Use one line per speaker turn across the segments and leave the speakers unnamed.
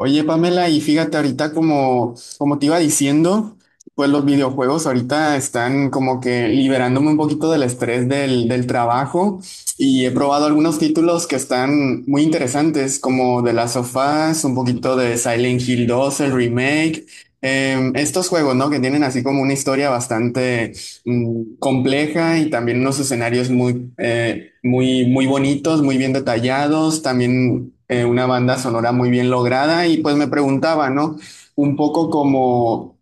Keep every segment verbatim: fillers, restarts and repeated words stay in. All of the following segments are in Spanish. Oye, Pamela, y fíjate ahorita como, como te iba diciendo, pues los videojuegos ahorita están como que liberándome un poquito del estrés del, del trabajo y he probado algunos títulos que están muy interesantes, como The Last of Us, un poquito de Silent Hill dos el remake, em, estos juegos, ¿no? Que tienen así como una historia bastante mm, compleja y también unos escenarios muy, eh, muy, muy bonitos, muy bien detallados, también eh, una banda sonora muy bien lograda y pues me preguntaba, ¿no? Un poco como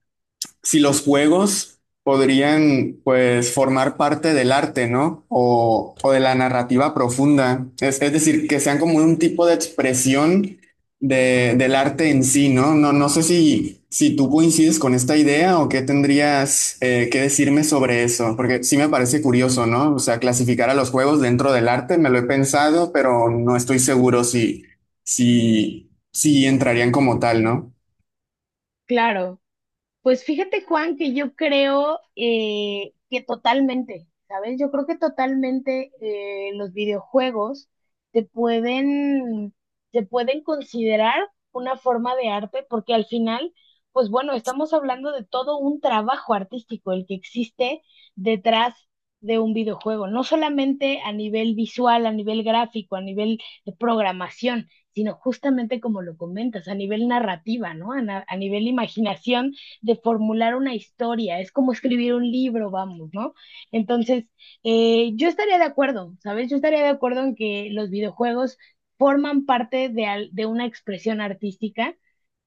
si los juegos podrían, pues, formar parte del arte, ¿no? O, o de la narrativa profunda. Es, es decir, que sean como un tipo de expresión de, del arte en sí, ¿no? No, no sé si, si tú coincides con esta idea o qué tendrías eh, que decirme sobre eso, porque sí me parece curioso, ¿no? O sea, clasificar a los juegos dentro del arte, me lo he pensado, pero no estoy seguro si, si, si entrarían como tal, ¿no?
Claro, pues fíjate, Juan, que yo creo eh, que totalmente, ¿sabes? Yo creo que totalmente eh, los videojuegos te pueden, te pueden considerar una forma de arte, porque al final, pues bueno, estamos hablando de todo un trabajo artístico, el que existe detrás de un videojuego, no solamente a nivel visual, a nivel gráfico, a nivel de programación, sino justamente como lo comentas, a nivel narrativa, ¿no? a na- a nivel imaginación de formular una historia, es como escribir un libro, vamos, ¿no? Entonces, eh, yo estaría de acuerdo, ¿sabes? Yo estaría de acuerdo en que los videojuegos forman parte de, al- de una expresión artística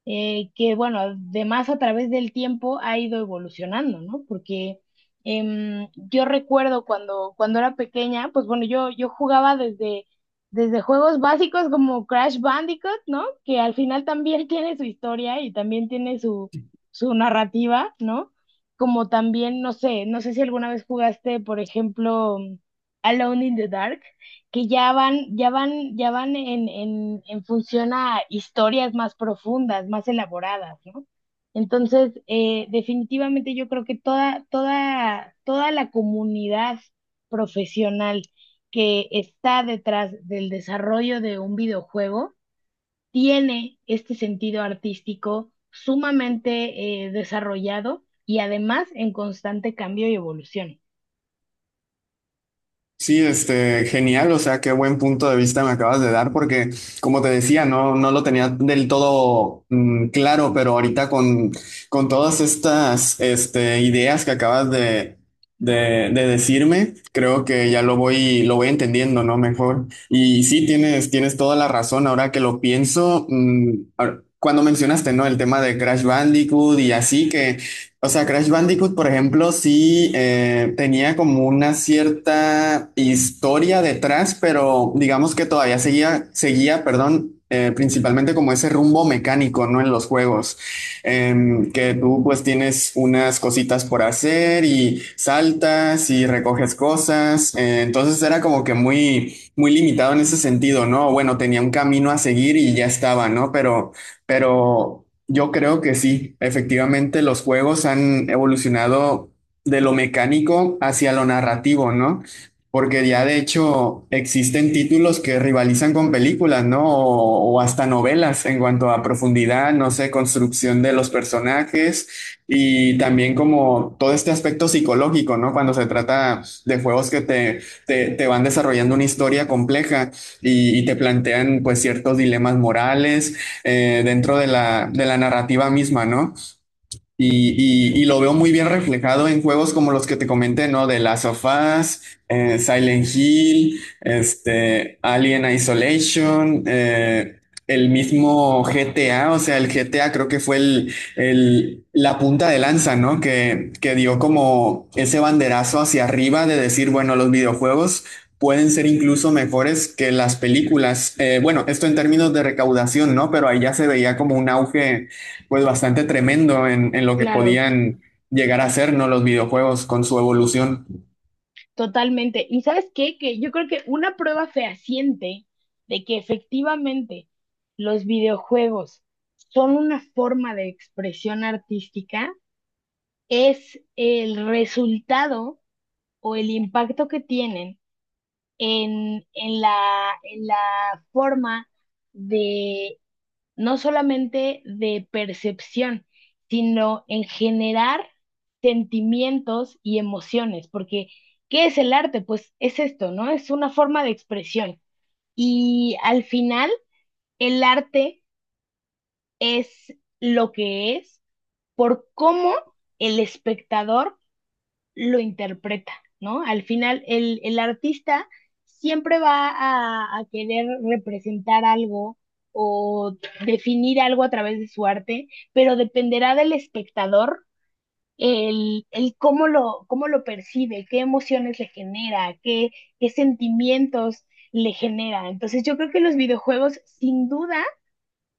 eh, que bueno, además a través del tiempo ha ido evolucionando, ¿no? Porque em, yo recuerdo cuando, cuando era pequeña, pues bueno, yo, yo jugaba desde, desde juegos básicos como Crash Bandicoot, ¿no? Que al final también tiene su historia y también tiene su, su narrativa, ¿no? Como también, no sé, no sé si alguna vez jugaste, por ejemplo, Alone in the Dark, que ya van, ya van, ya van en, en, en función a historias más profundas, más elaboradas, ¿no? Entonces, eh, definitivamente yo creo que toda, toda, toda la comunidad profesional que está detrás del desarrollo de un videojuego tiene este sentido artístico sumamente eh, desarrollado y además en constante cambio y evolución.
Sí, este, genial, o sea, qué buen punto de vista me acabas de dar, porque como te decía, no, no lo tenía del todo mm, claro, pero ahorita con, con todas estas, este, ideas que acabas de, de, de decirme, creo que ya lo voy, lo voy entendiendo, ¿no? Mejor. Y sí, tienes, tienes toda la razón, ahora que lo pienso, mm, ahora- cuando mencionaste, ¿no? El tema de Crash Bandicoot y así, que o sea, Crash Bandicoot, por ejemplo, sí eh, tenía como una cierta historia detrás, pero digamos que todavía seguía, seguía, perdón, eh, principalmente como ese rumbo mecánico, ¿no? En los juegos. Em, que tú pues tienes unas cositas por hacer y saltas y recoges cosas, eh, entonces era como que muy, muy limitado en ese sentido, ¿no? Bueno, tenía un camino a seguir y ya estaba, ¿no? Pero... Pero yo creo que sí, efectivamente los juegos han evolucionado de lo mecánico hacia lo narrativo, ¿no? Porque ya de hecho existen títulos que rivalizan con películas, ¿no? O, o hasta novelas en cuanto a profundidad, no sé, construcción de los personajes y también como todo este aspecto psicológico, ¿no? Cuando se trata de juegos que te, te, te van desarrollando una historia compleja y, y te plantean pues ciertos dilemas morales eh, dentro de la, de la narrativa misma, ¿no? Y, y- y lo veo muy bien reflejado en juegos como los que te comenté, ¿no? De Last of Us, eh, Silent Hill, este, Alien Isolation, eh, el mismo G T A, o sea, el G T A creo que fue el, el- la punta de lanza, ¿no? Que, que dio como ese banderazo hacia arriba de decir, bueno, los videojuegos pueden ser incluso mejores que las películas. Eh, bueno, esto en términos de recaudación, ¿no? Pero ahí ya se veía como un auge pues bastante tremendo en, en lo que
Claro.
podían llegar a ser, ¿no? Los videojuegos con su evolución.
Totalmente. ¿Y sabes qué? Que yo creo que una prueba fehaciente de que efectivamente los videojuegos son una forma de expresión artística es el resultado o el impacto que tienen en, en la, en la forma de, no solamente de percepción, sino en generar sentimientos y emociones, porque ¿qué es el arte? Pues es esto, ¿no? Es una forma de expresión. Y al final, el arte es lo que es por cómo el espectador lo interpreta, ¿no? Al final, el, el artista siempre va a, a querer representar algo o definir algo a través de su arte, pero dependerá del espectador el, el cómo lo, cómo lo percibe, qué emociones le genera, qué, qué sentimientos le genera. Entonces yo creo que los videojuegos sin duda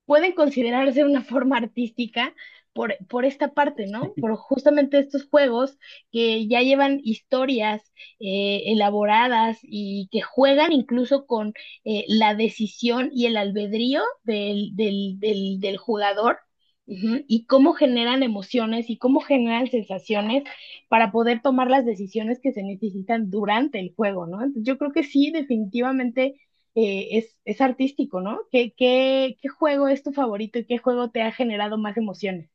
pueden considerarse una forma artística por, por esta parte, ¿no? Por justamente estos juegos que ya llevan historias eh, elaboradas y que juegan incluso con eh, la decisión y el albedrío del, del, del, del jugador. Ujú. Y cómo generan emociones y cómo generan sensaciones para poder tomar las decisiones que se necesitan durante el juego, ¿no? Entonces, yo creo que sí, definitivamente eh, es, es artístico, ¿no? ¿Qué, qué, qué juego es tu favorito y qué juego te ha generado más emociones?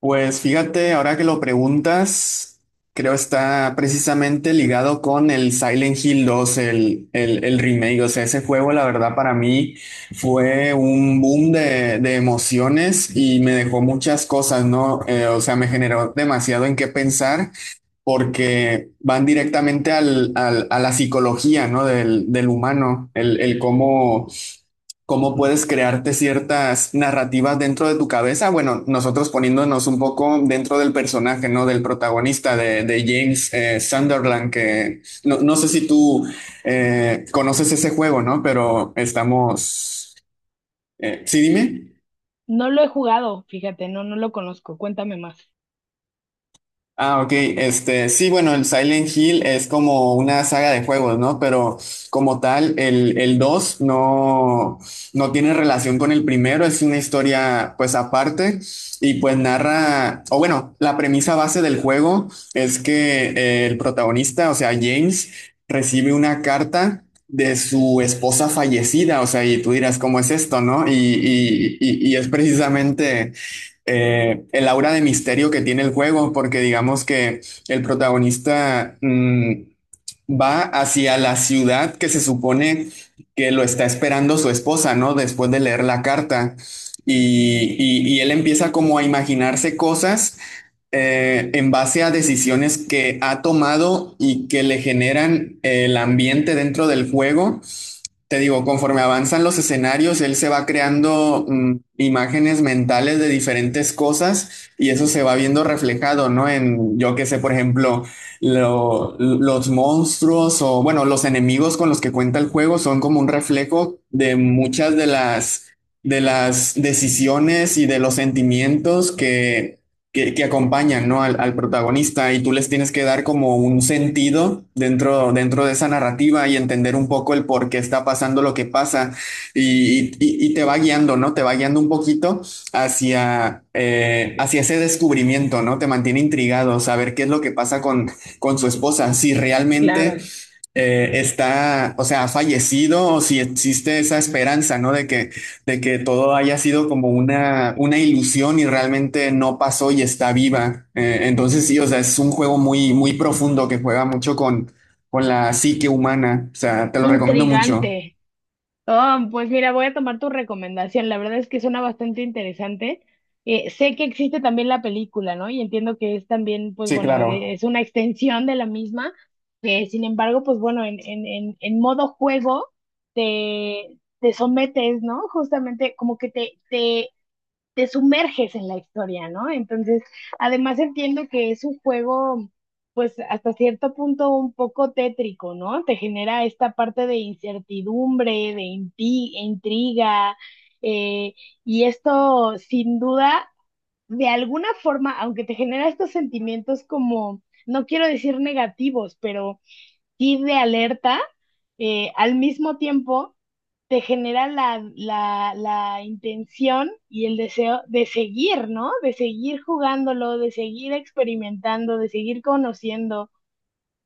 Pues fíjate, ahora que lo preguntas, creo está precisamente ligado con el Silent Hill dos el, el, el remake. O sea, ese juego, la verdad, para mí fue un boom de, de emociones y me dejó muchas cosas, ¿no? Eh, o sea, me generó demasiado en qué pensar porque van directamente al, al- a la psicología, ¿no? Del, del humano, el, el cómo cómo puedes crearte ciertas narrativas dentro de tu cabeza. Bueno, nosotros poniéndonos un poco dentro del personaje, ¿no? Del protagonista de, de James eh, Sunderland, que no, no sé si tú eh, conoces ese juego, ¿no? Pero estamos... eh, sí, dime.
No lo he jugado, fíjate, no, no lo conozco. Cuéntame más.
Ah, ok. Este, sí, bueno, el Silent Hill es como una saga de juegos, ¿no? Pero como tal, el, el dos no, no tiene relación con el primero, es una historia pues aparte y pues narra, o bueno, la premisa base del juego es que eh, el protagonista, o sea, James, recibe una carta de su esposa fallecida, o sea, y tú dirás, ¿cómo es esto, no? Y, y, y y es precisamente eh, el aura de misterio que tiene el juego, porque digamos que el protagonista mm, va hacia la ciudad que se supone que lo está esperando su esposa, ¿no? Después de leer la carta. Y, y- y él empieza como a imaginarse cosas eh, en base a decisiones que ha tomado y que le generan el ambiente dentro del juego te digo, conforme avanzan los escenarios, él se va creando mm, imágenes mentales de diferentes cosas y eso se va viendo reflejado, ¿no? En, yo qué sé, por ejemplo, lo- los monstruos o, bueno, los enemigos con los que cuenta el juego son como un reflejo de muchas de las, de las decisiones y de los sentimientos que que, que acompañan, ¿no? al, al protagonista y tú les tienes que dar como un sentido dentro, dentro de esa narrativa y entender un poco el por qué está pasando lo que pasa y, y- y te va guiando, ¿no? Te va guiando un poquito hacia, eh, hacia ese descubrimiento, ¿no? Te mantiene intrigado, saber qué es lo que pasa con, con su esposa, si realmente...
Claro.
eh, está, o sea, ha fallecido o si existe esa esperanza, ¿no? De que, de que todo haya sido como una, una ilusión y realmente no pasó y está viva. Eh, entonces sí, o sea, es un juego muy, muy profundo que juega mucho con, con la psique humana. O sea, te lo recomiendo mucho.
Intrigante. Oh, pues mira, voy a tomar tu recomendación. La verdad es que suena bastante interesante. Eh, sé que existe también la película, ¿no? Y entiendo que es también, pues
Sí,
bueno, eh,
claro.
es una extensión de la misma. Eh, sin embargo, pues bueno, en, en, en, en modo juego te, te sometes, ¿no? Justamente como que te, te te sumerges en la historia, ¿no? Entonces, además entiendo que es un juego, pues hasta cierto punto un poco tétrico, ¿no? Te genera esta parte de incertidumbre, de inti- intriga, eh, y esto sin duda, de alguna forma, aunque te genera estos sentimientos como, no quiero decir negativos, pero sí de alerta, eh, al mismo tiempo te genera la, la, la intención y el deseo de seguir, ¿no? De seguir jugándolo, de seguir experimentando, de seguir conociendo.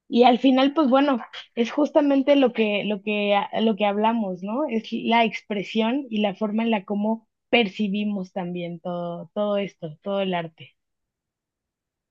Y al final, pues bueno, es justamente lo que, lo que, lo que hablamos, ¿no? Es la expresión y la forma en la cómo percibimos también todo, todo esto, todo el arte.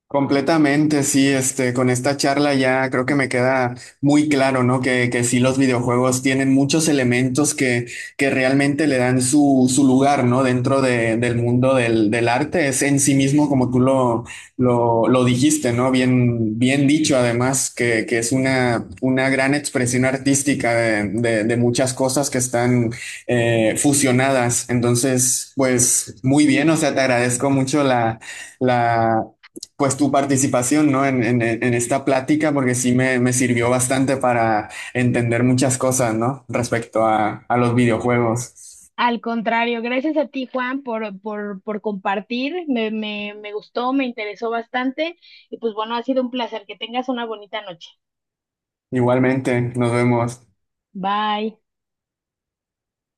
Completamente, sí, este, con esta charla ya creo que me queda muy claro, ¿no? Que, que sí, los videojuegos tienen muchos elementos que, que realmente le dan su, su lugar, ¿no? Dentro de- del mundo del, del arte. Es en sí mismo, como tú lo, lo, lo dijiste, ¿no? Bien, bien dicho, además, que, que es una, una gran expresión artística de, de- de muchas cosas que están eh, fusionadas. Entonces, pues muy bien, o sea, te agradezco mucho la pues tu participación, ¿no? En, en- en esta plática, porque sí me, me sirvió bastante para entender muchas cosas, ¿no? Respecto a, a los videojuegos.
Al contrario, gracias a ti, Juan, por, por, por compartir. Me, me, me gustó, me interesó bastante y pues bueno, ha sido un placer. Que tengas una bonita noche.
Igualmente, nos vemos.
Bye.